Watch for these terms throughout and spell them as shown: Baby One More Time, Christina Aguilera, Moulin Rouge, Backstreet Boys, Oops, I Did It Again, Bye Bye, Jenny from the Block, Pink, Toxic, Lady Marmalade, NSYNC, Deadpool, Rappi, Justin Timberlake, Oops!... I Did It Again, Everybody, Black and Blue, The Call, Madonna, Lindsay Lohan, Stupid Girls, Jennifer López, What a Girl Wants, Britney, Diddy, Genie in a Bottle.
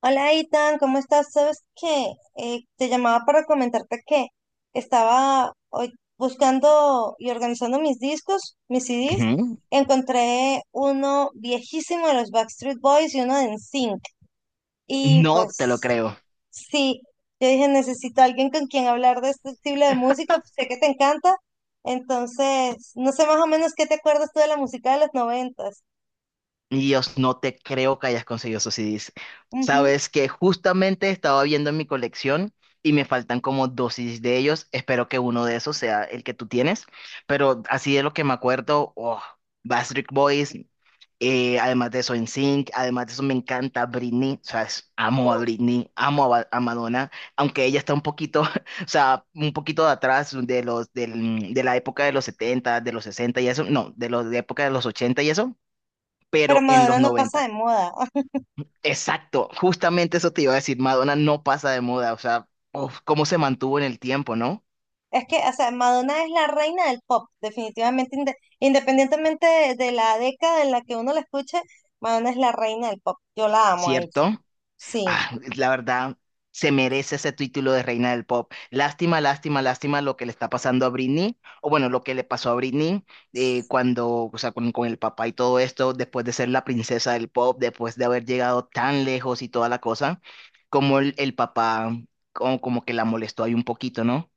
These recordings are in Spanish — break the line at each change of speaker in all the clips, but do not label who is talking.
Hola, Itan, ¿cómo estás? ¿Sabes qué? Te llamaba para comentarte que estaba hoy buscando y organizando mis discos, mis CDs.
Ujú.
Encontré uno viejísimo de los Backstreet Boys y uno de NSYNC. Y
No te lo
pues
creo.
sí, yo dije, necesito a alguien con quien hablar de este estilo de música, pues, sé que te encanta. Entonces, no sé más o menos qué te acuerdas tú de la música de los noventas.
Dios, no te creo que hayas conseguido esos CDs.
Ujú.
Sabes que justamente estaba viendo en mi colección y me faltan como dos CDs de ellos. Espero que uno de esos sea el que tú tienes. Pero así de lo que me acuerdo, oh, Backstreet Boys. Además de eso, NSYNC, además de eso, me encanta Britney, o sea, amo a
Uf,
Britney, amo a, a Madonna, aunque ella está un poquito, o sea, un poquito de atrás de los, de la época de los 70 de los 60 y eso, no, de los, de época de los 80 y eso,
pero
pero en los
Madonna no pasa de
noventa.
moda.
Exacto, justamente eso te iba a decir, Madonna no pasa de moda, o sea, uf, cómo se mantuvo en el tiempo, ¿no?
Es que, o sea, Madonna es la reina del pop, definitivamente, independientemente de la década en la que uno la escuche, Madonna es la reina del pop. Yo la amo a ella,
¿Cierto?
sí,
Ah, la verdad, se merece ese título de reina del pop. Lástima, lástima, lástima lo que le está pasando a Britney, o bueno, lo que le pasó a Britney cuando, o sea, con el papá y todo esto, después de ser la princesa del pop, después de haber llegado tan lejos y toda la cosa, como el papá, como, como que la molestó ahí un poquito, ¿no?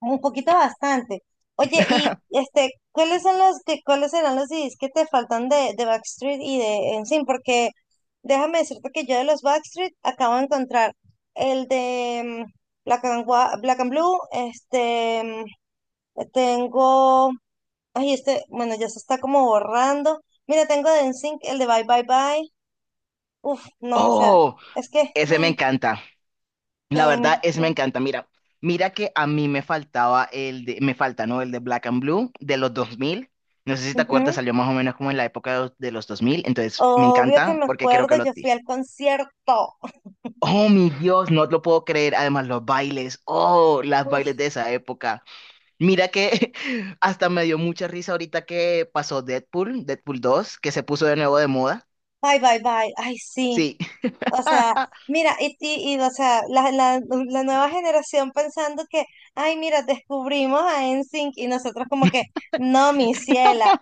un poquito bastante. Oye, y este, ¿cuáles son los que, cuáles serán los CDs que te faltan de Backstreet y de NSYNC? Porque déjame decirte que yo de los Backstreet acabo de encontrar el de Black and Blue, este, tengo. Ay, este, bueno, ya se está como borrando. Mira, tengo de NSYNC el de Bye Bye Bye. Uf, no, o sea,
Oh,
es que
ese me
ay,
encanta. La
tengo.
verdad es me encanta. Mira, mira que a mí me faltaba el de, me falta, ¿no? El de Black and Blue de los 2000. No sé si te acuerdas,
Ujú.
salió más o menos como en la época de los 2000. Entonces, me
Obvio que
encanta
me
porque creo que
acuerdo,
lo
yo fui
ti.
al concierto.
Oh, mi Dios, no lo puedo creer. Además, los bailes. Oh, las
Uf,
bailes de esa época. Mira que hasta me dio mucha risa ahorita que pasó Deadpool, Deadpool dos, que se puso de nuevo de moda.
Bye Bye Bye. Ay, sí.
Sí.
O sea, mira, y, o sea, la nueva generación pensando que, ay, mira, descubrimos a NSYNC y nosotros como que, no, mi ciela,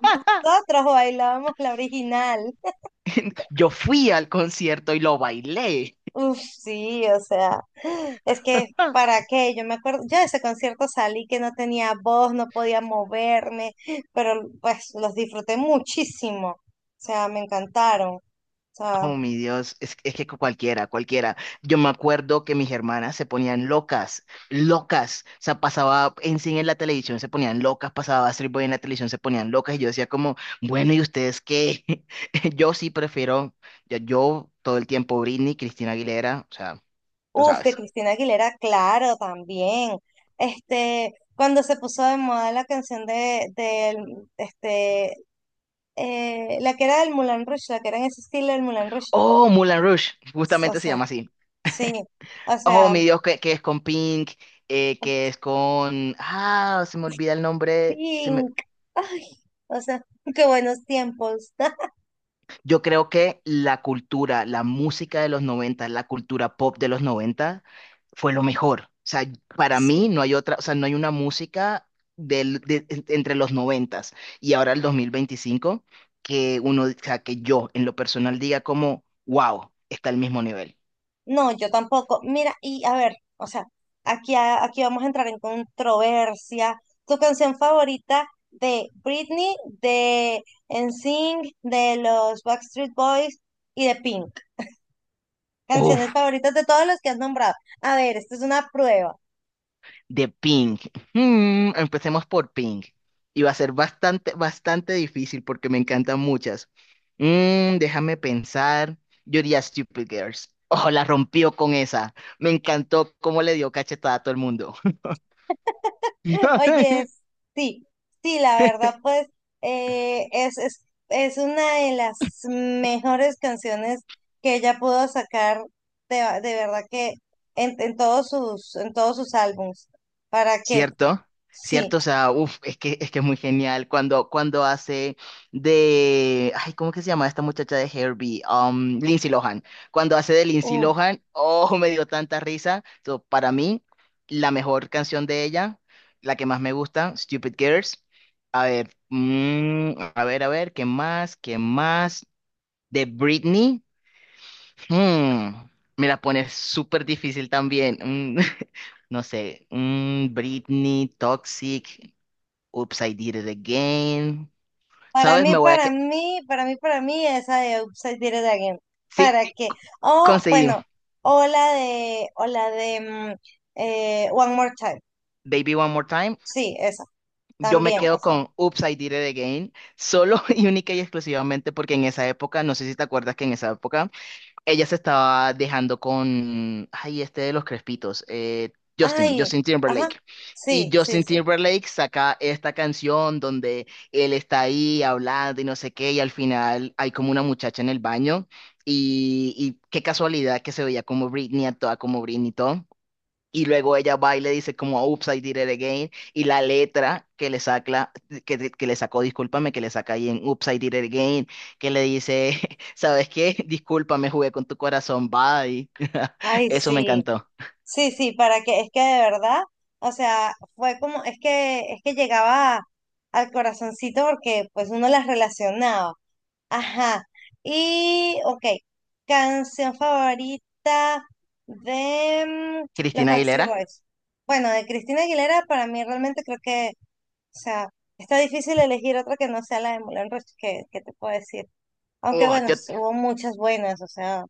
nosotros bailábamos la original.
Yo fui al concierto y lo bailé.
Uf, sí, o sea, es que para qué, yo me acuerdo, yo de ese concierto salí que no tenía voz, no podía moverme, pero pues los disfruté muchísimo, o sea, me encantaron, o sea,
Oh, mi Dios, es que cualquiera, cualquiera. Yo me acuerdo que mis hermanas se ponían locas, locas. O sea, pasaba en cine en la televisión, se ponían locas, pasaba Street Boy en la televisión, se ponían locas. Y yo decía como, bueno, ¿y ustedes qué? Yo sí prefiero, yo todo el tiempo Britney, Cristina Aguilera, o sea, tú
uf, de
sabes.
Cristina Aguilera, claro, también, este, cuando se puso de moda la canción del, este, la que era del Moulin Rouge, la que era en ese estilo del Moulin Rouge,
Oh, Moulin Rouge,
o
justamente se
sea,
llama así.
sí, o
Oh,
sea.
mi Dios, que es con Pink, que es con... Ah, se me olvida el nombre.
Pink. Ay, o sea, qué buenos tiempos.
Yo creo que la cultura, la música de los 90, la cultura pop de los 90, fue lo mejor. O sea, para mí
Sí.
no hay otra, o sea, no hay una música entre los 90 y ahora el 2025 que uno, o sea, que yo en lo personal diga como, wow, está al mismo nivel.
No, yo tampoco. Mira, y a ver, o sea, aquí, aquí vamos a entrar en controversia. ¿Tu canción favorita de Britney, de NSYNC, de los Backstreet Boys y de Pink? Canciones
Uf.
favoritas de todos los que has nombrado. A ver, esta es una prueba.
De Pink. Hmm, empecemos por Pink. Y va a ser bastante, bastante difícil porque me encantan muchas. Déjame pensar. Yo diría Stupid Girls. Ojo, la rompió con esa. Me encantó cómo le dio cachetada a todo el mundo.
Oye, sí, sí, la verdad, pues es una de las mejores canciones que ella pudo sacar de verdad que en todos sus álbums. ¿Para qué?
¿Cierto?
Sí.
¿Cierto? O sea, uff, es que es muy genial cuando hace de... Ay, ¿cómo que se llama esta muchacha de Herbie? Lindsay Lohan. Cuando hace de Lindsay
Uf.
Lohan, oh, me dio tanta risa. So, para mí, la mejor canción de ella, la que más me gusta, Stupid Girls. A ver, mm, a ver, ¿qué más? ¿Qué más? De Britney. Mm, me la pones súper difícil también. Mm, no sé. Britney, Toxic, Oops, I Did It Again.
Para
¿Sabes?
mí,
Me voy a
para
que
mí, para mí, para mí, esa de Upside Did It Again.
sí,
¿Para qué? O,
conseguimos.
bueno, o la de One More Time.
Baby One More Time.
Sí, esa,
Yo me
también. O
quedo
sea,
con Oops, I Did It Again. Solo y única y exclusivamente porque en esa época, no sé si te acuerdas que en esa época ella se estaba dejando con, ay, este de los crespitos, Justin,
ay,
Justin
ajá,
Timberlake. Y
sí, sí,
Justin
sí.
Timberlake saca esta canción donde él está ahí hablando y no sé qué, y al final hay como una muchacha en el baño. Y qué casualidad que se veía como Britney, actuaba como Britney y todo. Y luego ella va y le dice como, oops, I did it again. Y la letra que le saca, que le sacó, discúlpame, que le saca ahí en oops, I did it again, que le dice, ¿sabes qué? Discúlpame, jugué con tu corazón, bye.
Ay,
Eso me
sí,
encantó.
sí, sí, para que, es que de verdad, o sea, fue como, es que llegaba al corazoncito porque pues uno las relacionaba. Ajá. Y, ok, canción favorita de los
Cristina
Backstreet
Aguilera.
Boys. Bueno, de Cristina Aguilera, para mí realmente creo que, o sea, está difícil elegir otra que no sea la de Moulin Rouge, que te puedo decir. Aunque
Oh,
bueno,
yo,
hubo muchas buenas, o sea.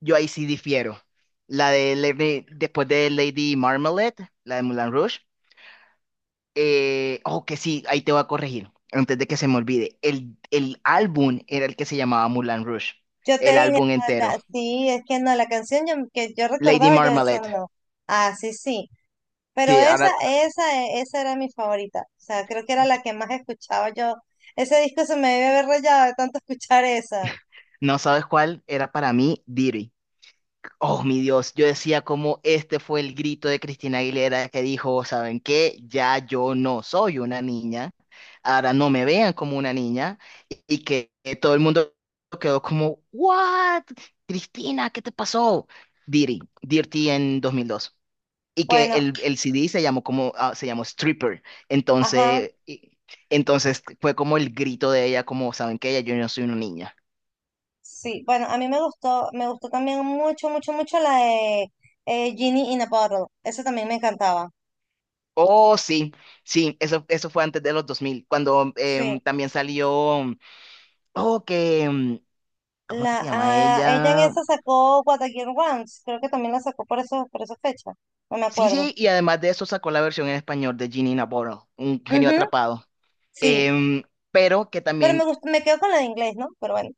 yo ahí sí difiero. La de después de Lady Marmalade, la de Moulin Rouge. Oh, que sí, ahí te voy a corregir, antes de que se me olvide. El álbum era el que se llamaba Moulin Rouge,
Yo te
el
dije,
álbum
"Ah,
entero.
sí, es que no, la canción que yo
Lady
recordaba, yo decía
Marmalade.
no. Ah, sí, sí. Pero
Sí,
esa,
ahora
esa, eh, esa era mi favorita. O sea, creo que era la que más escuchaba yo. Ese disco se me debe haber rayado de tanto escuchar esa.
no sabes cuál era para mí, Diddy. Oh, mi Dios, yo decía como este fue el grito de Cristina Aguilera que dijo, ¿saben qué? Ya yo no soy una niña, ahora no me vean como una niña y que todo el mundo quedó como, ¿what? Cristina, ¿qué te pasó? Diddy, Dirty en 2002. Y que
Bueno,
el CD se llamó como, ah, se llamó Stripper.
ajá,
Entonces, y- entonces fue como el grito de ella, como, ¿saben qué? Ya yo no soy una niña.
sí. Bueno, a mí me gustó también mucho, mucho, mucho la de Genie in a Bottle. Esa también me encantaba.
Oh, sí, sí, eso fue antes de los 2000 cuando
Sí.
también salió, oh, que, ¿cómo es que se llama
Ella en
ella?
esa sacó What a Girl Wants. Creo que también la sacó por eso, por esa fecha. No me
Sí,
acuerdo.
sí, y además de eso sacó la versión en español de Ginny in a Bottle, un genio
Ujú.
atrapado.
Sí,
Em, pero que
pero me
también
gustó, me quedo con la de inglés, ¿no? Pero bueno.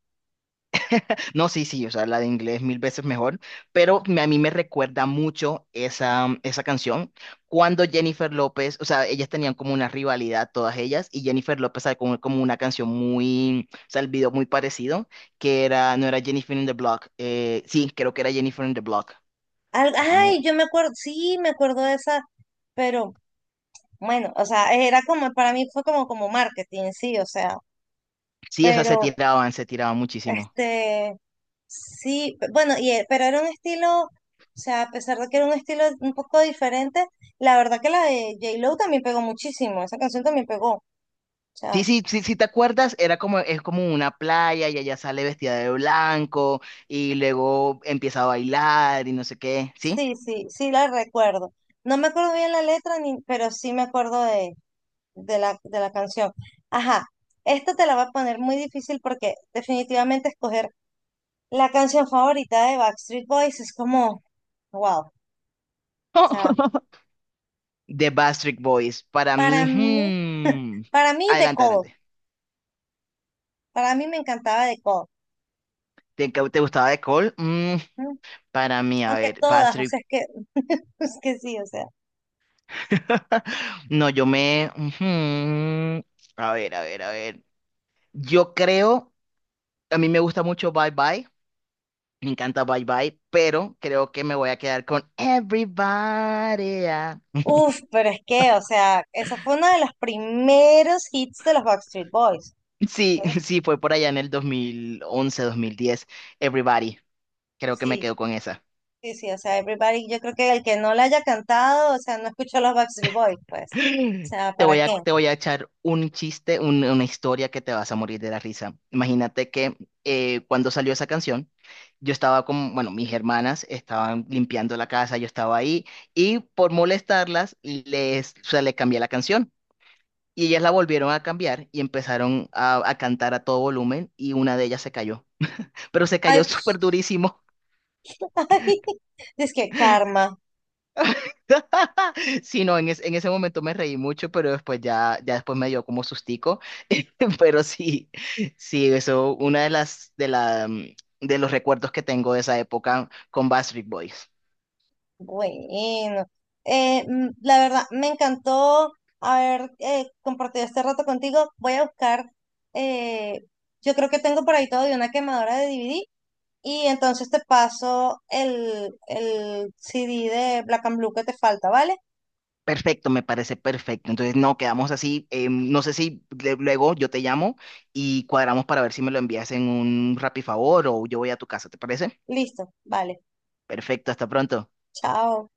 no, sí, sí, o sea, la de inglés mil veces mejor, pero a mí me recuerda mucho esa, esa canción cuando Jennifer López, o sea, ellas tenían como una rivalidad todas ellas y Jennifer López sacó como, como una canción muy, o sea, el video muy parecido, que era, no era Jennifer in the Block, sí, creo que era Jennifer in the Block,
Ay,
déjame,
yo me acuerdo, sí, me acuerdo de esa, pero bueno, o sea, era como, para mí fue como, marketing, sí, o sea,
sí, o sea,
pero,
se tiraban muchísimo.
este, sí, bueno, y, pero era un estilo, o sea, a pesar de que era un estilo un poco diferente, la verdad que la de J-Lo también pegó muchísimo, esa canción también pegó, o sea,
Sí, sí, sí, si te acuerdas, era como, es como una playa y ella sale vestida de blanco y luego empieza a bailar y no sé qué, ¿sí?
sí, sí, sí la recuerdo. No me acuerdo bien la letra, ni, pero sí me acuerdo de la canción. Ajá, esta te la va a poner muy difícil porque definitivamente escoger la canción favorita de Backstreet Boys es como, wow, o sea,
The Backstreet Boys. Para
para
mí,
mí,
hmm,
para mí The
adelante,
Call,
adelante.
para mí me encantaba The Call,
¿Te, te gustaba The Call?
¿m?
Para mí, a
Aunque
ver,
todas, o
Backstreet.
sea, es que, es que sí, o sea,
No, yo me. Ujú. A ver, a ver, a ver. Yo creo. A mí me gusta mucho Bye Bye. Me encanta Bye Bye. Pero creo que me voy a quedar con Everybody. Ah.
uff, pero es que, o sea, esa fue uno de los primeros hits de los Backstreet Boys,
Sí,
¿sí?
sí, fue por allá en el 2011, 2010. Everybody. Creo que me
Sí,
quedo con esa.
sí, sí, o sea, Everybody, yo creo que el que no la haya cantado, o sea, no escuchó los Backstreet Boys, pues, o sea, ¿para qué?
Te voy a echar un chiste, una historia que te vas a morir de la risa. Imagínate que cuando salió esa canción, yo estaba con, bueno, mis hermanas estaban limpiando la casa, yo estaba ahí y por molestarlas les, o sea, les cambié la canción. Y ellas la volvieron a cambiar y empezaron a cantar a todo volumen y una de ellas se cayó. Pero se
Ay,
cayó súper durísimo.
es que karma.
Sí, no, en ese momento me reí mucho, pero después ya, ya después me dio como sustico. Pero sí, sí, eso, una de las, de la, mm, de los recuerdos que tengo de esa época con Backstreet Boys.
Bueno, la verdad, me encantó haber compartido este rato contigo. Voy a buscar, eh, yo creo que tengo por ahí todo de una quemadora de DVD y entonces te paso el CD de Black and Blue que te falta, ¿vale?
Perfecto, me parece perfecto. Entonces, no, quedamos así. No sé si luego yo te llamo y cuadramos para ver si me lo envías en un Rappi favor o yo voy a tu casa, ¿te parece?
Listo, vale,
Perfecto, hasta pronto.
chao.